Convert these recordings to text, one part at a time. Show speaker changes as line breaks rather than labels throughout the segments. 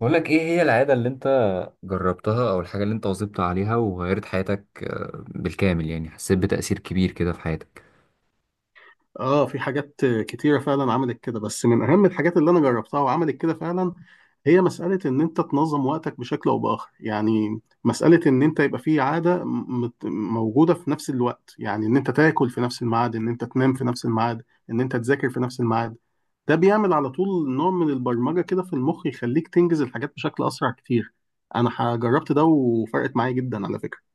بقول لك ايه هي العادة اللي انت جربتها او الحاجة اللي انت واظبت عليها وغيرت حياتك بالكامل؟ يعني حسيت بتأثير كبير كده في حياتك؟
اه، في حاجات كتيرة فعلا عملت كده. بس من أهم الحاجات اللي أنا جربتها وعملت كده فعلا هي مسألة إن أنت تنظم وقتك بشكل أو بآخر. يعني مسألة إن أنت يبقى في عادة موجودة في نفس الوقت، يعني إن أنت تاكل في نفس الميعاد، إن أنت تنام في نفس الميعاد، إن أنت تذاكر في نفس الميعاد. ده بيعمل على طول نوع من البرمجة كده في المخ، يخليك تنجز الحاجات بشكل أسرع كتير. أنا جربت ده وفرقت معايا جدا على فكرة.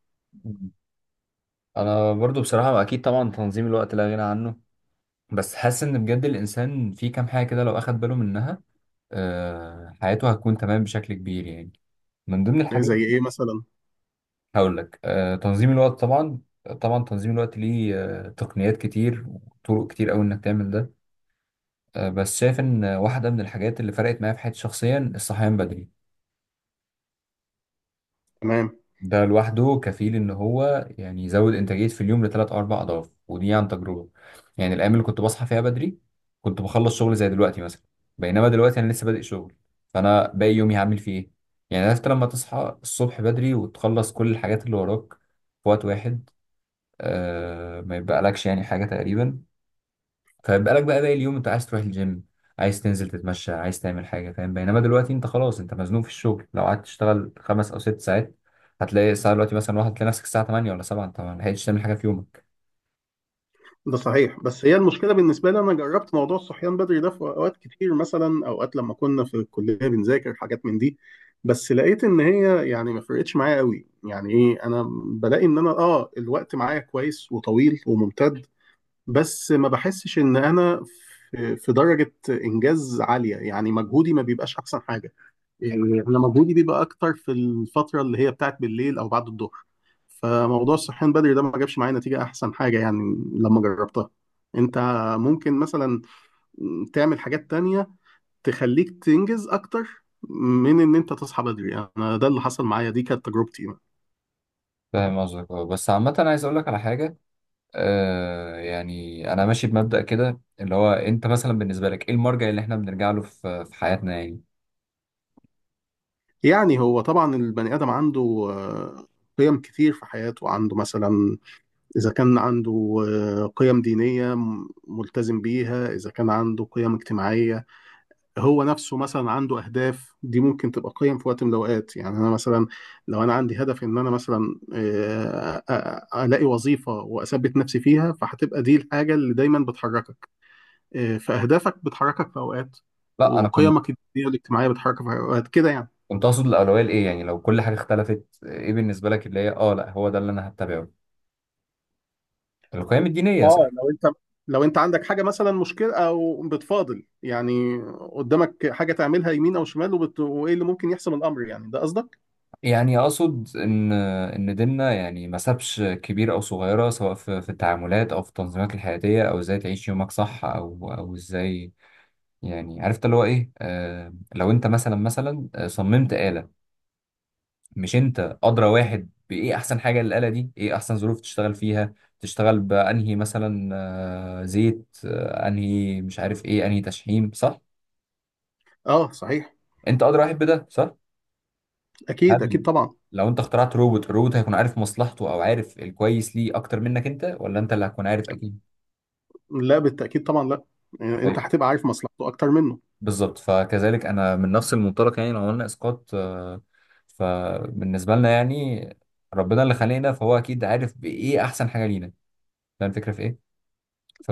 انا برضو بصراحه اكيد طبعا تنظيم الوقت لا غنى عنه، بس حاسس ان بجد الانسان في كام حاجه كده لو اخد باله منها حياته هتكون تمام بشكل كبير يعني. من ضمن الحاجات،
زي إيه مثلا؟
هقول لك، تنظيم الوقت طبعا. طبعا تنظيم الوقت ليه تقنيات كتير وطرق كتير قوي انك تعمل ده. بس شايف ان واحده من الحاجات اللي فرقت معايا في حياتي شخصيا الصحيان بدري.
تمام.
ده لوحده كفيل ان هو يعني يزود انتاجيه في اليوم لثلاث او اربع اضعاف، ودي عن تجربه. يعني الايام اللي كنت بصحى فيها بدري كنت بخلص شغل زي دلوقتي مثلا، بينما دلوقتي انا لسه بادئ شغل، فانا باقي يومي هعمل فيه ايه؟ يعني عرفت لما تصحى الصبح بدري وتخلص كل الحاجات اللي وراك في وقت واحد، آه ما يبقى لكش يعني حاجه تقريبا. فبقالك بقى باقي اليوم، انت عايز تروح الجيم، عايز تنزل تتمشى، عايز تعمل حاجة، فاهم؟ بينما دلوقتي انت خلاص انت مزنوق في الشغل، لو قعدت تشتغل 5 او 6 ساعات هتلاقي الساعة دلوقتي مثلا واحد، تلاقي نفسك الساعة 8 ولا 7 انت ما لحقتش تعمل حاجة في يومك.
ده صحيح، بس هي المشكله بالنسبه لي، انا جربت موضوع الصحيان بدري ده في اوقات كتير. مثلا اوقات لما كنا في الكليه بنذاكر حاجات من دي، بس لقيت ان هي يعني ما فرقتش معايا قوي. يعني ايه، انا بلاقي ان انا اه الوقت معايا كويس وطويل وممتد، بس ما بحسش ان انا في درجه انجاز عاليه، يعني مجهودي ما بيبقاش احسن حاجه. يعني انا مجهودي بيبقى اكتر في الفتره اللي هي بتاعت بالليل او بعد الظهر. فموضوع الصحيان بدري ده ما جابش معايا نتيجه احسن حاجه يعني، لما جربتها. انت ممكن مثلا تعمل حاجات تانية تخليك تنجز اكتر من ان انت تصحى بدري. انا ده اللي حصل معايا، دي كانت تجربتي.
فاهم قصدك، اه. بس عامة أنا عايز اقول لك على حاجة، آه، يعني انا ماشي بمبدأ كده اللي هو انت مثلا بالنسبة لك ايه المرجع اللي احنا بنرجع له في حياتنا يعني.
يعني هو طبعا البني ادم عنده آه، قيم كتير في حياته. عنده مثلا اذا كان عنده قيم دينيه ملتزم بيها، اذا كان عنده قيم اجتماعيه، هو نفسه مثلا عنده اهداف. دي ممكن تبقى قيم في وقت من الاوقات. يعني انا مثلا، لو انا عندي هدف ان انا مثلا الاقي وظيفه واثبت نفسي فيها، فهتبقى دي الحاجه اللي دايما بتحركك. فاهدافك بتحركك في اوقات،
لا انا كنت،
وقيمك الدينيه والاجتماعيه بتحركك في اوقات كده يعني.
كنت اقصد الاولوية لايه يعني، لو كل حاجة اختلفت ايه بالنسبة لك اللي هي اه لا هو ده اللي انا هتبعه؟ القيم الدينية صح؟
اه، لو انت لو انت عندك حاجه مثلا مشكله او بتفاضل، يعني قدامك حاجه تعملها يمين او شمال وايه اللي ممكن يحسم الامر، يعني ده قصدك؟
يعني اقصد ان ديننا يعني ما سابش كبير او صغيره، سواء في التعاملات او في التنظيمات الحياتيه او ازاي تعيش يومك صح، او ازاي. يعني عرفت اللي هو ايه، آه لو انت مثلا، صممت آلة، مش انت ادرى واحد بايه احسن حاجه للآلة دي؟ ايه احسن ظروف تشتغل فيها، تشتغل بانهي مثلا آه زيت، آه انهي مش عارف ايه، انهي تشحيم، صح؟
اه صحيح.
انت ادرى واحد بده، صح.
اكيد اكيد
هل
طبعا.
لو انت اخترعت روبوت، الروبوت هيكون عارف مصلحته او عارف الكويس ليه اكتر منك، انت ولا انت اللي هتكون عارف؟ اكيد.
لا بالتأكيد طبعا، لا. يعني انت
طيب،
هتبقى عارف مصلحته اكتر منه.
بالظبط، فكذلك انا من نفس المنطلق. يعني لو قلنا اسقاط فبالنسبه لنا يعني ربنا اللي خلقنا فهو اكيد عارف بايه احسن حاجه لينا. فاهم الفكره في ايه؟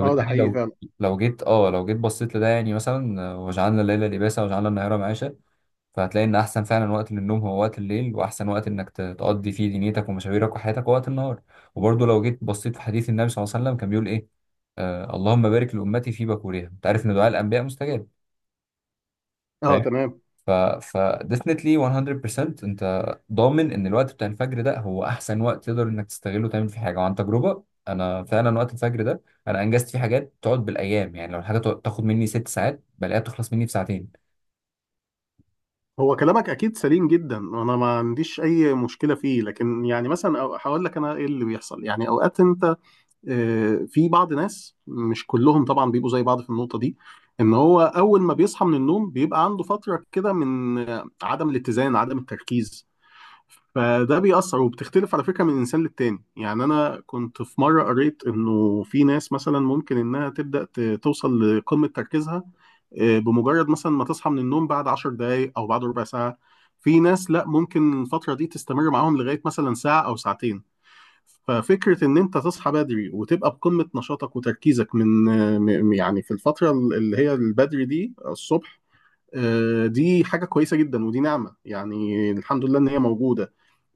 اه ده حقيقي
لو،
فعلا.
لو جيت اه لو جيت بصيت لده يعني مثلا، وجعلنا الليل لباسا وجعلنا النهار معاشا، فهتلاقي ان احسن فعلا وقت للنوم هو وقت الليل، واحسن وقت انك تقضي فيه دنيتك ومشاويرك وحياتك هو وقت النهار. وبرضه لو جيت بصيت في حديث النبي صلى الله عليه وسلم كان بيقول ايه، آه اللهم بارك لامتي في بكورها. انت عارف ان دعاء الانبياء مستجاب؟
اه
فاهم.
تمام.
ف ف definitely 100% انت ضامن ان الوقت بتاع الفجر ده هو احسن وقت تقدر انك تستغله تعمل فيه حاجه. وعن تجربه انا فعلا وقت الفجر ده انا انجزت فيه حاجات تقعد بالايام. يعني لو الحاجه تاخد مني 6 ساعات بلاقيها بتخلص مني في ساعتين.
هو كلامك اكيد سليم جدا، انا ما عنديش اي مشكله فيه. لكن يعني مثلا هقول لك انا ايه اللي بيحصل. يعني اوقات انت في بعض ناس، مش كلهم طبعا، بيبقوا زي بعض في النقطه دي، ان هو اول ما بيصحى من النوم بيبقى عنده فتره كده من عدم الاتزان، عدم التركيز. فده بيأثر، وبتختلف على فكرة من إنسان للتاني. يعني أنا كنت في مرة قريت إنه في ناس مثلا ممكن إنها تبدأ توصل لقمة تركيزها بمجرد مثلا ما تصحى من النوم بعد عشر دقايق أو بعد ربع ساعة. في ناس لأ، ممكن الفترة دي تستمر معاهم لغاية مثلا ساعة أو ساعتين. ففكرة إن أنت تصحى بدري وتبقى بقمة نشاطك وتركيزك من يعني في الفترة اللي هي البدري دي الصبح، دي حاجة كويسة جدا، ودي نعمة يعني، الحمد لله إن هي موجودة.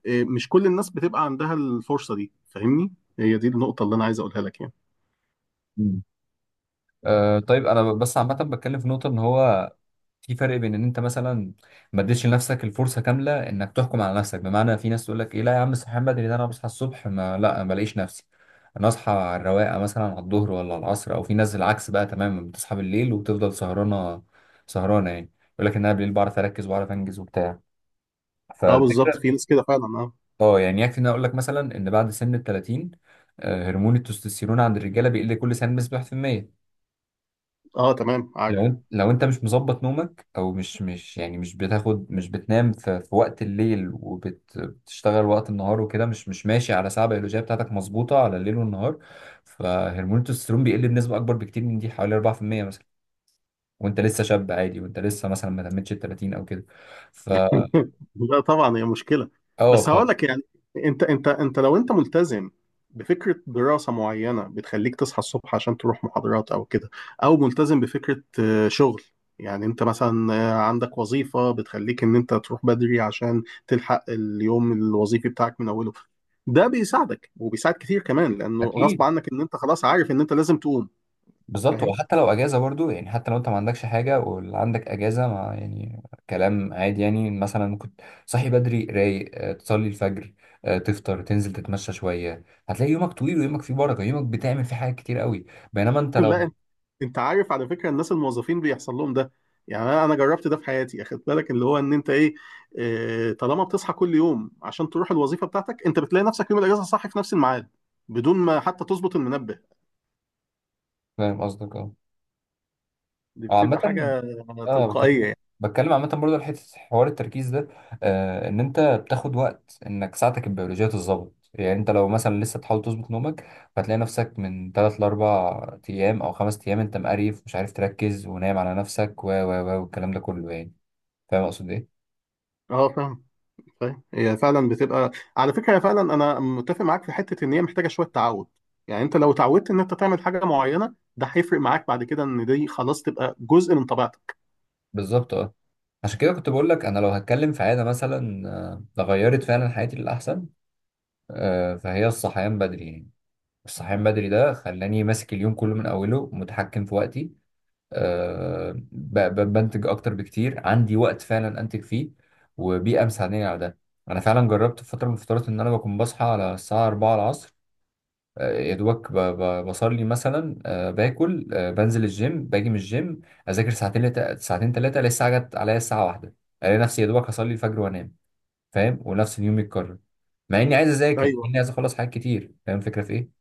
مش كل الناس بتبقى عندها الفرصة دي، فاهمني؟ هي دي النقطة اللي انا عايز اقولها لك يعني.
أه طيب انا بس عامه بتكلم في نقطه ان هو في فرق بين ان انت مثلا ما اديتش لنفسك الفرصه كامله انك تحكم على نفسك. بمعنى في ناس تقول لك ايه، لا يا عم صحيان بدري ده انا بصحى الصبح ما لا ما بلاقيش نفسي، انا اصحى على الرواقه مثلا على الظهر ولا على العصر. او في ناس العكس بقى تماما، بتصحى بالليل وبتفضل سهرانه، سهرانه يعني يقول لك ان انا بالليل بعرف اركز وبعرف انجز وبتاع.
اه بالظبط،
فالفكره
في ناس كده فعلا، اه.
اه يعني، يكفي ان انا اقول لك مثلا ان بعد سن ال 30 هرمون التستوستيرون عند الرجاله بيقل كل سنه بنسبه 1%.
اه تمام، عارف.
لو انت مش مظبط نومك، او مش يعني مش بتاخد مش بتنام في وقت الليل وبتشتغل وقت النهار وكده، مش مش ماشي على ساعة بيولوجية بتاعتك مظبوطة على الليل والنهار، فهرمون التستوستيرون بيقل بنسبة اكبر بكتير من دي حوالي 4% مثلا. وانت لسه شاب عادي، وانت لسه مثلا ما تمتش ال 30 او كده. ف،
لا طبعا، هي مشكله.
اه ف،
بس هقول لك يعني، انت لو انت ملتزم بفكره دراسه معينه بتخليك تصحى الصبح عشان تروح محاضرات او كده، او ملتزم بفكره شغل، يعني انت مثلا عندك وظيفه بتخليك ان انت تروح بدري عشان تلحق اليوم الوظيفي بتاعك من اوله. ده بيساعدك، وبيساعد كتير كمان، لانه غصب
اكيد.
عنك ان انت خلاص عارف ان انت لازم تقوم.
بالظبط، هو حتى لو اجازه برضو، يعني حتى لو انت ما عندكش حاجه واللي عندك اجازه ما يعني، كلام عادي. يعني مثلا كنت صاحي بدري رايق، تصلي الفجر، تفطر، تنزل تتمشى شويه، هتلاقي يومك طويل ويومك فيه بركه، يومك بتعمل فيه حاجات كتير قوي، بينما انت لو.
لا، انت انت عارف على فكره، الناس الموظفين بيحصل لهم ده. يعني انا جربت ده في حياتي. اخد بالك اللي هو ان انت ايه، طالما بتصحى كل يوم عشان تروح الوظيفه بتاعتك، انت بتلاقي نفسك يوم الاجازه صاحي في نفس الميعاد بدون ما حتى تظبط المنبه.
فاهم قصدك اه.
دي
أو
بتبقى
عامه،
حاجه
اه
تلقائيه يعني.
بتكلم عامة برضه على حتة حوار التركيز ده، آه ان انت بتاخد وقت انك ساعتك البيولوجية تتظبط. يعني انت لو مثلا لسه بتحاول تظبط نومك، هتلاقي نفسك من تلات لأربع ايام او خمس ايام انت مقريف، مش عارف تركز ونايم على نفسك و و و والكلام ده كله يعني. فاهم اقصد ايه؟
اه فاهم، فاهم. هي فعلا بتبقى، على فكره هي فعلا انا متفق معاك في حته، ان هي محتاجه شويه تعود. يعني انت لو اتعودت ان انت تعمل حاجه معينه، ده هيفرق معاك بعد كده، ان دي خلاص تبقى جزء من طبيعتك.
بالظبط اه. عشان كده كنت بقول لك انا لو هتكلم في عادة مثلا غيرت فعلا حياتي للأحسن، آه فهي الصحيان بدري يعني. الصحيان بدري ده خلاني ماسك اليوم كله من أوله، متحكم في وقتي، بنتج اكتر بكتير، عندي وقت فعلا انتج فيه وبيئه مساعداني على ده. انا فعلا جربت في فتره من الفترات ان انا بكون بصحى على الساعه 4 العصر، يا دوبك بصلي مثلا، باكل، بنزل الجيم، باجي من الجيم، اذاكر ساعتين ساعتين ثلاثه، الاقي الساعه جت عليا الساعه واحدة، الاقي نفسي يا دوبك هصلي الفجر وانام. فاهم؟ ونفس اليوم يتكرر، مع اني عايز اذاكر، مع
ايوه.
اني عايز اخلص حاجات كتير. فاهم الفكره في ايه؟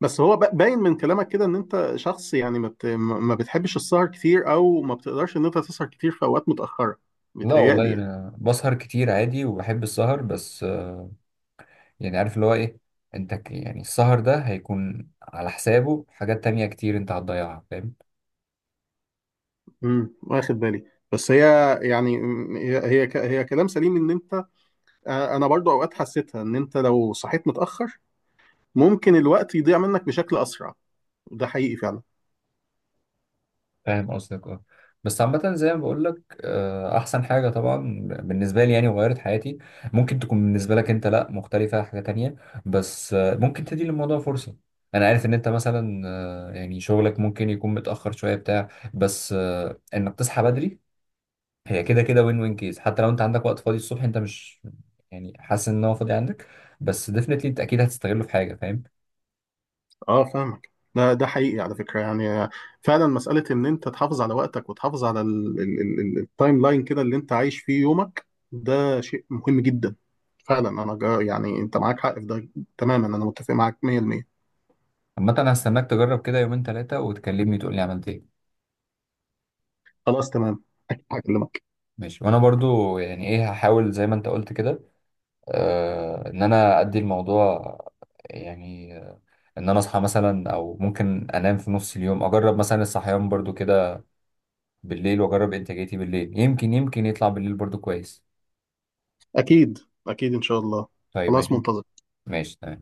بس هو باين من كلامك كده ان انت شخص يعني ما بت- ما ما بتحبش السهر كتير، او ما بتقدرش ان انت تسهر كتير في اوقات متاخره،
لا
بيتهيألي
والله
يعني.
انا بسهر كتير عادي وبحب السهر، بس يعني عارف اللي هو ايه، انت يعني السهر ده هيكون على حسابه حاجات تانية كتير انت هتضيعها، فاهم؟
واخد بالي. بس هي يعني هي هي كلام سليم، ان انت انا برضو اوقات حسيتها ان انت لو صحيت متاخر ممكن الوقت يضيع منك بشكل اسرع. ده حقيقي فعلا.
فاهم قصدك اه. بس عامة زي ما بقول لك، احسن حاجة طبعا بالنسبة لي، يعني غيرت حياتي. ممكن تكون بالنسبة لك انت لا، مختلفة حاجة تانية، بس ممكن تدي للموضوع فرصة. انا عارف ان انت مثلا، يعني شغلك ممكن يكون متأخر شوية بتاع، بس انك تصحى بدري، هي كده كده وين وين كيس. حتى لو انت عندك وقت فاضي الصبح، انت مش يعني حاسس ان هو فاضي عندك، بس ديفنتلي انت اكيد هتستغله في حاجه فاهم.
اه فاهمك، ده حقيقي على فكره يعني. فعلا مساله ان انت تحافظ على وقتك وتحافظ على التايم لاين كده اللي انت عايش فيه يومك، ده شيء مهم جدا فعلا. انا جا يعني انت معاك حق في ده تماما، انا متفق معاك 100%.
عامه انا هستناك تجرب كده يومين ثلاثه وتكلمني تقول لي عملت ايه.
خلاص تمام، اكيد هكلمك.
ماشي، وانا برضو يعني ايه هحاول زي ما انت قلت كده، آه ان انا ادي الموضوع يعني، ان انا اصحى مثلا، او ممكن انام في نص اليوم اجرب مثلا الصحيان برضو كده بالليل، واجرب انتاجيتي بالليل، يمكن، يمكن يطلع بالليل برضو كويس.
اكيد اكيد ان شاء الله.
طيب
خلاص
ماشي.
منتظر.
ماشي تمام.